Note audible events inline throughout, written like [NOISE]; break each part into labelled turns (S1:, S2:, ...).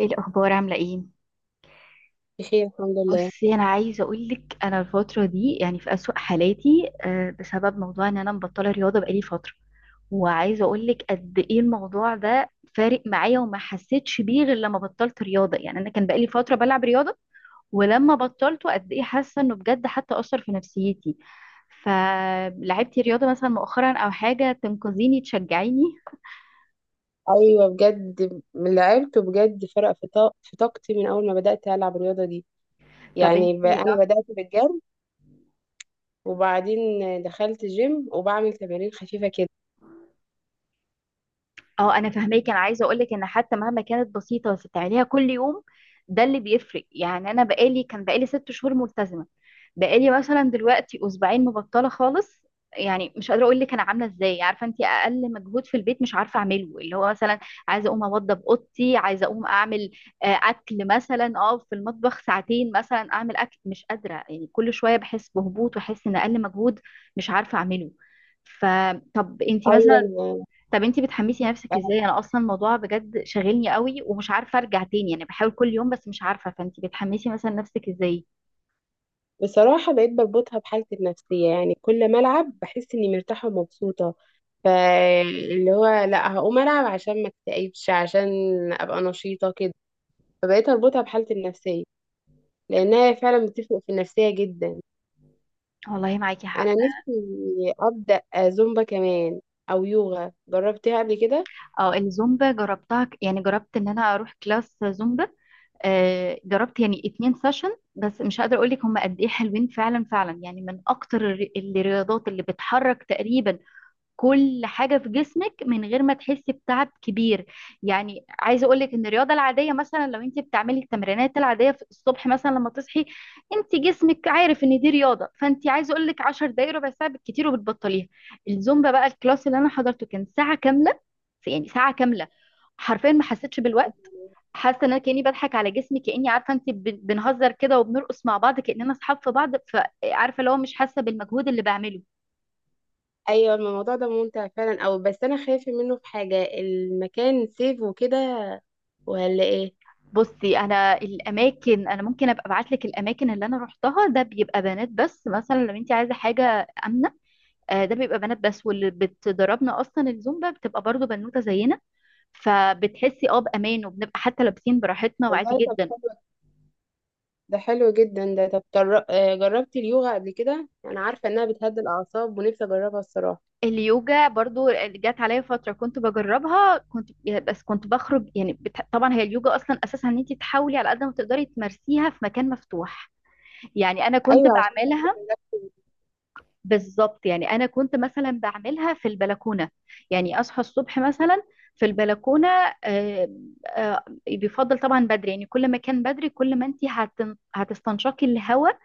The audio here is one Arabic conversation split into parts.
S1: ايه الاخبار؟ عامله ايه؟
S2: بخير الحمد لله.
S1: بصي، انا عايزه اقول لك انا الفتره دي يعني في اسوأ حالاتي، بسبب موضوع ان انا مبطله رياضه بقالي فتره. وعايزه اقول لك قد ايه الموضوع ده فارق معايا وما حسيتش بيه غير لما بطلت رياضه. يعني انا كان بقالي فتره بلعب رياضه، ولما بطلته قد ايه حاسه انه بجد حتى اثر في نفسيتي. فلعبتي رياضه مثلا مؤخرا او حاجه تنقذيني تشجعيني؟
S2: ايوه بجد اللي عرفته بجد فرق في في طاقتي من اول ما بدات العب الرياضه دي.
S1: طب
S2: يعني
S1: انتي.
S2: انا بدات بالجري، وبعدين دخلت جيم وبعمل تمارين خفيفه كده.
S1: اه انا فاهماكي، انا عايزه اقولك ان حتى مهما كانت بسيطه بس بتعمليها كل يوم، ده اللي بيفرق. يعني انا بقالي، كان بقالي ست شهور ملتزمه. بقالي مثلا دلوقتي اسبوعين مبطله خالص. يعني مش قادره اقول لك انا عامله ازاي، عارفه انت اقل مجهود في البيت مش عارفه اعمله، اللي هو مثلا عايزه اقوم اوضب اوضتي، عايزه اقوم اعمل اكل مثلا، اه في المطبخ ساعتين مثلا اعمل اكل، مش قادره. يعني كل شويه بحس بهبوط، واحس ان اقل مجهود مش عارفه اعمله. فطب انت
S2: ايوه
S1: مثلا،
S2: أنا-
S1: طب انتي بتحمسي نفسك
S2: أنا
S1: ازاي؟ انا اصلا الموضوع بجد شاغلني قوي ومش عارفه ارجع تاني، يعني بحاول كل يوم بس مش عارفه. فانتي بتحمسي مثلا نفسك ازاي؟
S2: بصراحه بقيت بربطها بحالتي النفسيه، يعني كل ما العب بحس اني مرتاحه ومبسوطه. فاللي هو لا، هقوم العب عشان ما اكتئبش، عشان ابقى نشيطه كده. فبقيت اربطها بحالتي النفسيه، لانها فعلا بتفرق في النفسيه جدا.
S1: والله معاكي حق.
S2: انا نفسي ابدا زومبا كمان، او يوغا جربتها قبل كده.
S1: اه الزومبا جربتها، يعني جربت ان انا اروح كلاس زومبا. آه جربت يعني اتنين سيشن، بس مش قادره اقول لك هم قد ايه حلوين فعلا فعلا. يعني من اكتر الرياضات اللي بتحرك تقريبا كل حاجة في جسمك من غير ما تحسي بتعب كبير. يعني عايزة أقولك إن الرياضة العادية، مثلا لو أنت بتعملي التمرينات العادية في الصبح مثلا لما تصحي، أنت جسمك عارف إن دي رياضة، فأنت عايزة أقولك 10 دقايق ربع ساعة بالكتير وبتبطليها. الزومبا بقى الكلاس اللي أنا حضرته كان ساعة كاملة، يعني ساعة كاملة حرفيا ما حسيتش بالوقت. حاسه ان انا كاني بضحك على جسمي، كاني عارفه انت بنهزر كده وبنرقص مع بعض كاننا اصحاب في بعض، فعارفه اللي هو مش حاسه بالمجهود اللي بعمله.
S2: ايوه الموضوع ده ممتع فعلا، او بس انا خايفه منه في حاجه، المكان سيف وكده ولا ايه؟
S1: بصي انا الاماكن، انا ممكن ابقى ابعت لك الاماكن اللي انا روحتها، ده بيبقى بنات بس، مثلا لو انت عايزه حاجه امنه، ده بيبقى بنات بس، واللي بتدربنا اصلا الزومبا بتبقى برضو بنوته زينا، فبتحسي اه بامان، وبنبقى حتى لابسين براحتنا وعادي
S2: والله طب
S1: جدا.
S2: حلو، ده حلو جدا. ده طب جربتي اليوغا قبل كده؟ انا عارفه انها بتهدي الاعصاب، ونفسي اجربها الصراحه.
S1: اليوجا برضو جت عليا فتره كنت بجربها، كنت بس كنت بخرج يعني طبعا هي اليوجا اصلا اساسا ان انت تحاولي على قد ما تقدري تمارسيها في مكان مفتوح. يعني انا كنت
S2: ايوه عشان تعملي
S1: بعملها.
S2: relaxing.
S1: بالظبط، يعني انا كنت مثلا بعملها في البلكونه، يعني اصحى الصبح مثلا في البلكونه. آه، بيفضل طبعا بدري، يعني كل ما كان بدري كل ما انت هتستنشقي الهواء،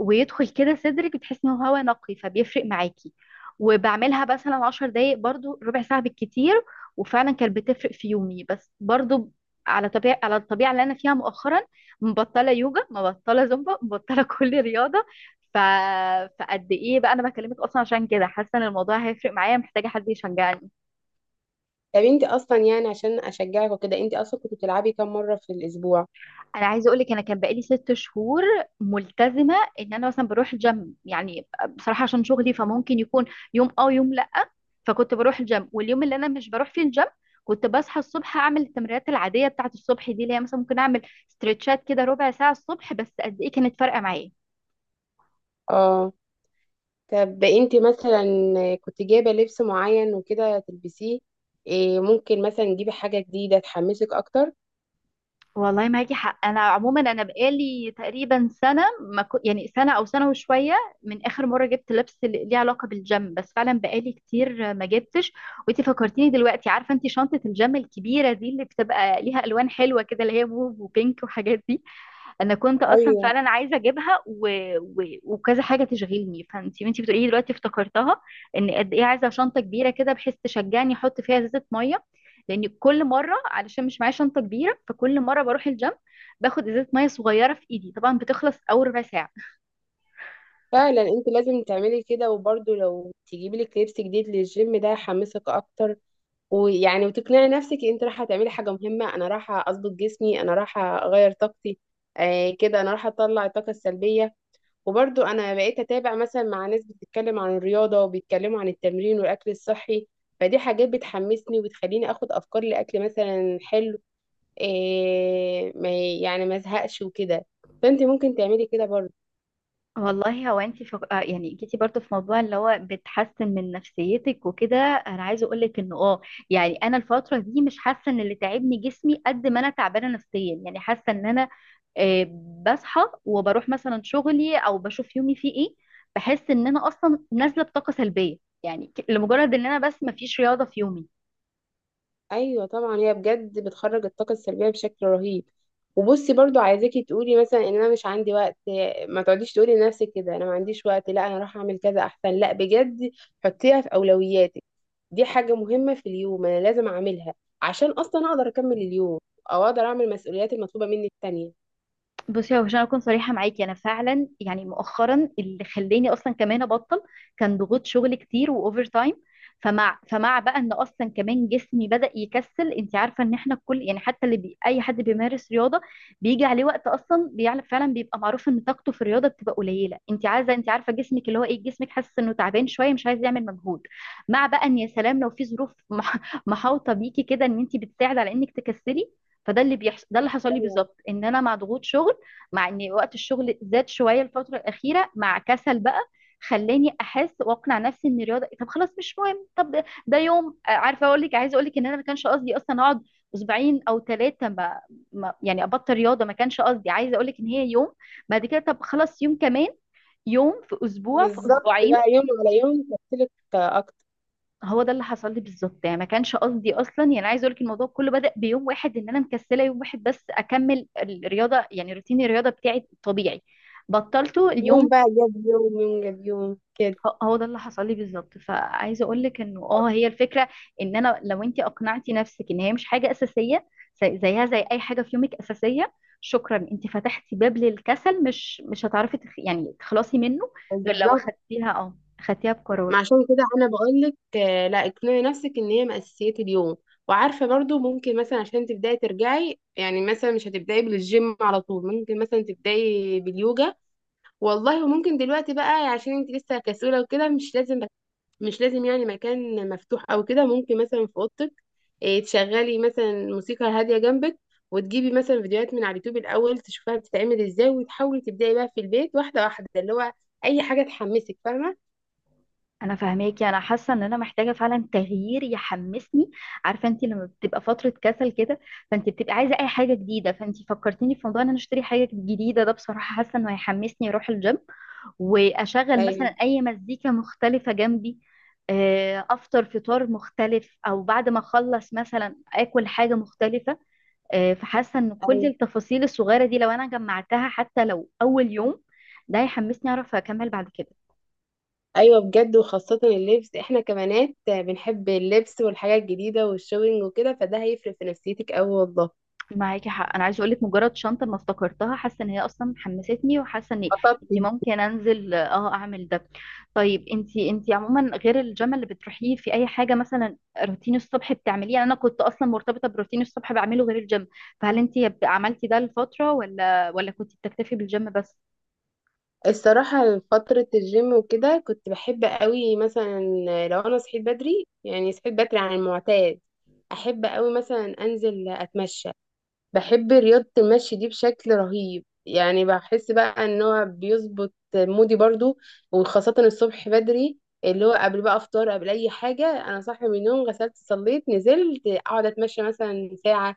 S1: ويدخل كده صدرك بتحسي انه هوا نقي، فبيفرق معاكي. وبعملها مثلا عشر دقايق، برضو ربع ساعة بالكتير، وفعلا كانت بتفرق في يومي. بس برضو على طبيعة، على الطبيعة اللي أنا فيها مؤخرا، مبطلة يوجا مبطلة زومبا مبطلة [LAUGHS] كل رياضة. ف... فقد ايه بقى انا بكلمك اصلا عشان كده، حاسه ان الموضوع هيفرق معايا، محتاجه حد يشجعني.
S2: طب انت اصلا يعني عشان اشجعك وكده، انت اصلا كنت بتلعبي كام مره في الاسبوع؟
S1: انا عايزه اقول لك انا كان بقالي ست شهور ملتزمه ان انا مثلا بروح الجيم، يعني بصراحه عشان شغلي فممكن يكون يوم اه يوم لا. فكنت بروح الجيم، واليوم اللي انا مش بروح فيه الجيم كنت بصحى الصبح اعمل التمرينات العاديه بتاعت الصبح دي، اللي هي مثلا ممكن اعمل ستريتشات كده ربع ساعه الصبح، بس قد ايه كانت فارقه معايا.
S2: اه طب انت مثلا كنت جايبة لبس معين وكده تلبسيه؟ إيه، ممكن مثلا تجيبي حاجة جديدة تحمسك اكتر؟
S1: والله معاكي حق. انا عموما انا بقالي تقريبا سنه، ما كو... يعني سنه او سنه وشويه من اخر مره جبت لبس اللي ليه علاقه بالجيم، بس فعلا بقالي كتير ما جبتش. وانتي فكرتيني دلوقتي، عارفه انتي شنطه الجيم الكبيره دي اللي بتبقى ليها الوان حلوه كده، اللي هي موف وبينك وحاجات دي، انا كنت اصلا
S2: ايوه
S1: فعلا عايزه اجيبها وكذا حاجه تشغلني، فانت وانت بتقولي لي دلوقتي افتكرتها، ان قد ايه عايزه شنطه كبيره كده بحيث تشجعني احط فيها ازازه ميه. لان كل مره علشان مش معايا شنطه كبيره، فكل مره بروح الجيم باخد ازازه ميه صغيره في ايدي، طبعا بتخلص اول ربع ساعه.
S2: فعلا، انت لازم تعملي كده، وبرضه لو تجيبي لك لبس جديد للجيم ده يحمسك اكتر. ويعني وتقنعي نفسك انت رايحة تعملي حاجة مهمة، انا رايحة اظبط جسمي، انا رايحة اغير طاقتي، كده انا رايحة اطلع الطاقة السلبية. وبرضو انا بقيت اتابع مثلا مع ناس بتتكلم عن الرياضه، وبيتكلموا عن التمرين والاكل الصحي. فدي حاجات بتحمسني وبتخليني اخد افكار لاكل مثلا حلو، إيه ما يعني ما ازهقش وكده. فانت ممكن تعملي كده برضو.
S1: والله هو انت فق... آه يعني جيتي برضو في موضوع اللي هو بتحسن من نفسيتك وكده، انا عايزه اقول لك انه اه يعني انا الفتره دي مش حاسه ان اللي تعبني جسمي قد ما انا تعبانه نفسيا. يعني حاسه ان انا آه، بصحى وبروح مثلا شغلي او بشوف يومي فيه ايه، بحس ان انا اصلا نازله بطاقه سلبيه. يعني لمجرد ان انا بس مفيش رياضه في يومي.
S2: ايوه طبعا، هي بجد بتخرج الطاقه السلبيه بشكل رهيب. وبصي برضو، عايزاكي تقولي مثلا ان انا مش عندي وقت، ما تقعديش تقولي لنفسك كده انا ما عنديش وقت، لا انا راح اعمل كذا احسن، لا بجد. حطيها في اولوياتك، دي حاجه مهمه في اليوم، انا لازم اعملها عشان اصلا اقدر اكمل اليوم، او اقدر اعمل المسؤوليات المطلوبه مني التانية.
S1: بصي هو عشان اكون صريحه معاكي، انا فعلا يعني مؤخرا اللي خلاني اصلا كمان ابطل كان ضغوط شغل كتير واوفر تايم. فمع بقى ان اصلا كمان جسمي بدأ يكسل. انت عارفه ان احنا كل يعني حتى اي حد بيمارس رياضه بيجي عليه وقت، اصلا بيعرف فعلا، بيبقى معروف ان طاقته في الرياضه بتبقى قليله. انت عايزه، انت عارفه جسمك اللي هو ايه، جسمك حاسس انه تعبان شويه مش عايز يعمل مجهود، مع بقى ان يا سلام لو في ظروف محاوطه بيكي كده ان انت بتساعد على انك تكسلي. فده اللي بيحصل، ده اللي حصل لي
S2: ايوه
S1: بالظبط، ان انا مع ضغوط شغل، مع ان وقت الشغل زاد شويه الفتره الاخيره، مع كسل بقى، خلاني احس واقنع نفسي ان الرياضه إيه، طب خلاص مش مهم، طب ده يوم. عارفه اقول لك، عايزه اقول لك ان انا ما كانش قصدي اصلا اقعد اسبوعين او ثلاثه، يعني ابطل رياضه، ما كانش قصدي. عايزه اقول لك ان هي يوم بعد كده طب خلاص يوم كمان، يوم في اسبوع في
S2: بالظبط،
S1: اسبوعين.
S2: بقى يوم على يوم تفصلك اكتر،
S1: هو ده اللي حصل لي بالظبط، يعني ما كانش قصدي اصلا، يعني عايز اقول لك الموضوع كله بدأ بيوم واحد ان انا مكسله يوم واحد بس، اكمل الرياضه يعني روتين الرياضه بتاعي الطبيعي، بطلته
S2: يوم
S1: اليوم.
S2: بقى جاب يوم، يوم جاب يوم كده.
S1: هو ده اللي حصل لي بالظبط. فعايزه اقول لك انه اه هي الفكره ان انا لو انت اقنعتي نفسك ان هي مش حاجه اساسيه، زيها زي اي حاجه في يومك اساسيه، شكرا انت فتحتي باب للكسل، مش هتعرفي يعني تخلصي منه، غير لو
S2: بالظبط،
S1: خدتيها اه خدتيها
S2: ما
S1: بقرار.
S2: عشان كده انا بقول لك لا، اقنعي نفسك ان هي من اساسيات اليوم. وعارفه برضو، ممكن مثلا عشان تبداي ترجعي، يعني مثلا مش هتبداي بالجيم على طول، ممكن مثلا تبداي باليوجا. والله وممكن دلوقتي بقى، عشان انت لسه كسوله وكده، مش لازم يعني مكان مفتوح او كده، ممكن مثلا في اوضتك، إيه، تشغلي مثلا موسيقى هاديه جنبك. وتجيبي مثلا فيديوهات من على اليوتيوب الاول، تشوفها بتتعمل ازاي، وتحاولي تبداي بقى في البيت، واحده واحده، اللي هو اي حاجه تحمسك، فاهمه؟
S1: انا فاهماكي، انا حاسه ان انا محتاجه فعلا تغيير يحمسني. عارفه انت لما بتبقى فتره كسل كده، فانت بتبقى عايزه اي حاجه جديده. فانت فكرتيني في موضوع ان انا اشتري حاجه جديده، ده بصراحه حاسه انه هيحمسني اروح الجيم، واشغل
S2: ايوه.
S1: مثلا اي مزيكا مختلفه جنبي، افطر فطار مختلف، او بعد ما اخلص مثلا اكل حاجه مختلفه. فحاسه ان كل التفاصيل الصغيره دي لو انا جمعتها حتى لو اول يوم، ده هيحمسني اعرف اكمل بعد كده.
S2: ايوه بجد، وخاصة اللبس، احنا كبنات بنحب اللبس والحاجات الجديدة والشوينج وكده، فده هيفرق في نفسيتك اوي والله.
S1: معاكي حق، انا عايزه اقول لك مجرد شنطه ما افتكرتها، حاسه ان هي اصلا حمستني، وحاسه ان إني
S2: خطط.
S1: ممكن انزل اه اعمل ده. طيب انتي، انتي عموما غير الجيم اللي بتروحيه في اي حاجه مثلا روتين الصبح بتعمليه؟ يعني انا كنت اصلا مرتبطه بروتين الصبح بعمله غير الجيم، فهل انتي عملتي ده لفتره ولا كنتي بتكتفي بالجيم بس؟
S2: الصراحة فترة الجيم وكده كنت بحب قوي مثلا لو انا صحيت بدري، يعني صحيت بدري عن المعتاد، احب قوي مثلا انزل اتمشى. بحب رياضة المشي دي بشكل رهيب، يعني بحس بقى ان هو بيظبط مودي برضو، وخاصة الصبح بدري، اللي هو قبل بقى افطار، قبل اي حاجة، انا صاحي من النوم، غسلت، صليت، نزلت اقعد اتمشى مثلا ساعة.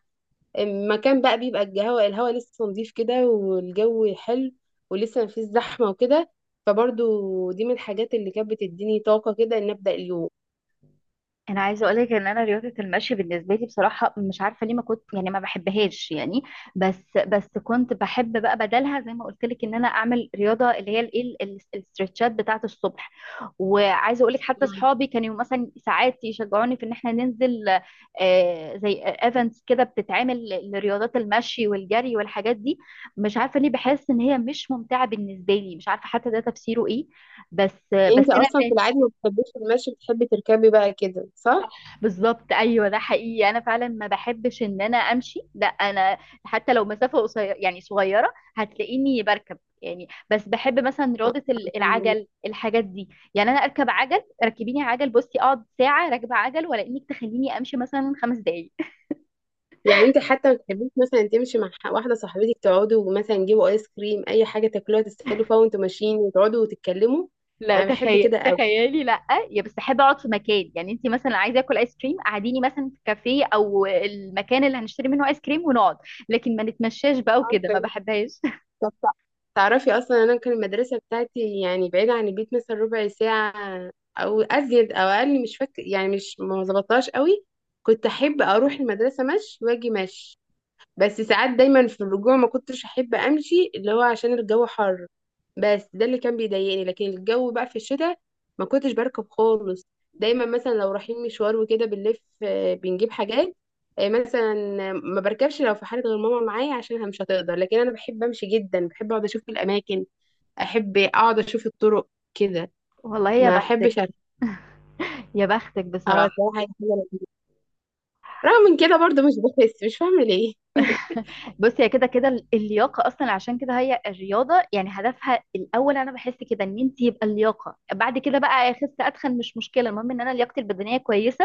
S2: مكان بقى بيبقى الهواء لسه نظيف كده، والجو حلو، ولسه مفيش زحمة وكده. فبرضو دي من الحاجات اللي كانت بتديني طاقة كده، ان ابدأ اليوم.
S1: انا عايزه اقولك ان انا رياضه المشي بالنسبه لي، بصراحه مش عارفه ليه، ما كنت يعني ما بحبهاش يعني. بس كنت بحب بقى بدلها زي ما قلت لك ان انا اعمل رياضه اللي هي الايه الاسترتشات بتاعه الصبح. وعايزه اقولك حتى صحابي كانوا مثلا ساعات يشجعوني في ان احنا ننزل، زي ايفنتس كده بتتعمل لرياضات المشي والجري والحاجات دي، مش عارفه ليه بحس ان هي مش ممتعه بالنسبه لي، مش عارفه حتى ده تفسيره ايه. بس
S2: انت
S1: انا.
S2: اصلا في العادي ما بتحبيش المشي، بتحبي تركبي بقى كده صح؟
S1: صح بالظبط، ايوه ده حقيقي انا فعلا ما بحبش ان انا امشي، لا انا حتى لو مسافه قصيره يعني صغيره هتلاقيني بركب، يعني بس بحب مثلا رياضه العجل الحاجات دي. يعني انا اركب عجل، ركبيني عجل بصي، اقعد ساعه راكبه عجل ولا انك تخليني امشي مثلا خمس دقايق.
S2: يعني انت حتى ما بتحبيش مثلا تمشي مع واحده صاحبتك، تقعدوا مثلا تجيبوا ايس كريم، اي حاجه تاكلوها تستهلوا فيها وانتوا ماشيين، وتقعدوا وتتكلموا؟
S1: [LAUGHS] لا
S2: انا بحب
S1: تخيل،
S2: كده قوي.
S1: تخيلي لا. يا بس احب اقعد في مكان، يعني انت مثلا عايزه اكل ايس كريم قعديني مثلا في كافيه او المكان اللي هنشتري منه ايس كريم ونقعد، لكن ما نتمشاش بقى وكده، ما
S2: عارفة.
S1: بحبهاش. [LAUGHS]
S2: طب تعرفي اصلا، انا كان المدرسه بتاعتي يعني بعيده عن البيت مثلا ربع ساعه، او ازيد او اقل، مش فاكر، يعني مش ما ظبطتهاش قوي. كنت احب اروح المدرسه مشي واجي مشي، بس ساعات دايما في الرجوع ما كنتش احب امشي، اللي هو عشان الجو حر، بس ده اللي كان بيضايقني. لكن الجو بقى في الشتاء ما كنتش بركب خالص. دايما مثلا لو رايحين مشوار وكده بنلف، بنجيب حاجات، مثلا ما بركبش، لو في حالة غير ماما معايا عشان مش هتقدر. لكن انا بحب امشي جدا، بحب اقعد اشوف الاماكن، احب اقعد اشوف الطرق كده.
S1: والله يا
S2: ما
S1: بختك،
S2: احبش أركب.
S1: يا بختك
S2: اه
S1: بصراحة.
S2: صراحة هي حاجة لذيذة. رغم من كده برضه مش بحس، مش فاهمة ليه. [LAUGHS]
S1: [LAUGHS] بصي هي كده كده اللياقة أصلا عشان كده هي الرياضة يعني هدفها الأول. أنا بحس كده إن أنت يبقى اللياقة، بعد كده بقى أخس أتخن مش مشكلة، المهم إن أنا لياقتي البدنية كويسة.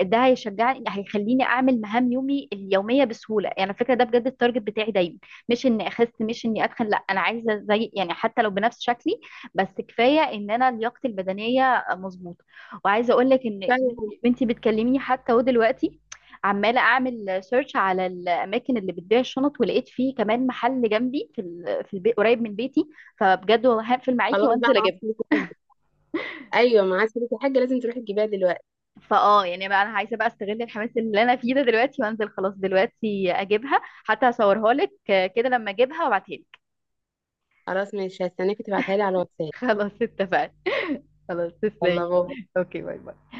S1: ده هيشجعني، هيخليني أعمل مهام يومي اليومية بسهولة. يعني على فكرة ده بجد التارجت بتاعي دايما، مش إني أخس مش إني أتخن، لا أنا عايزة زي يعني حتى لو بنفس شكلي، بس كفاية إن أنا لياقتي البدنية مظبوطة. وعايزة أقول لك إن
S2: فعلا.
S1: أنت بتكلميني حتى ودلوقتي عماله اعمل سيرش على الاماكن اللي بتبيع الشنط، ولقيت فيه كمان محل جنبي في في البيت قريب من بيتي. فبجد والله هقفل معاكي
S2: خلاص بقى
S1: وانزل
S2: معاك؟
S1: اجيبها.
S2: ايوه معاك فلوس، يا حاجه لازم تروحي تجيبيها دلوقتي.
S1: فاه يعني بقى، انا عايزه بقى استغل الحماس اللي انا فيه ده دلوقتي، وانزل خلاص دلوقتي اجيبها، حتى هصورها لك كده لما اجيبها وابعتها لك.
S2: خلاص ماشي، هستناكي تبعتها لي على
S1: [LAUGHS]
S2: الواتساب.
S1: خلاص اتفقنا. [LAUGHS] خلاص
S2: يلا
S1: تسلمي.
S2: بابا.
S1: اوكي، باي باي.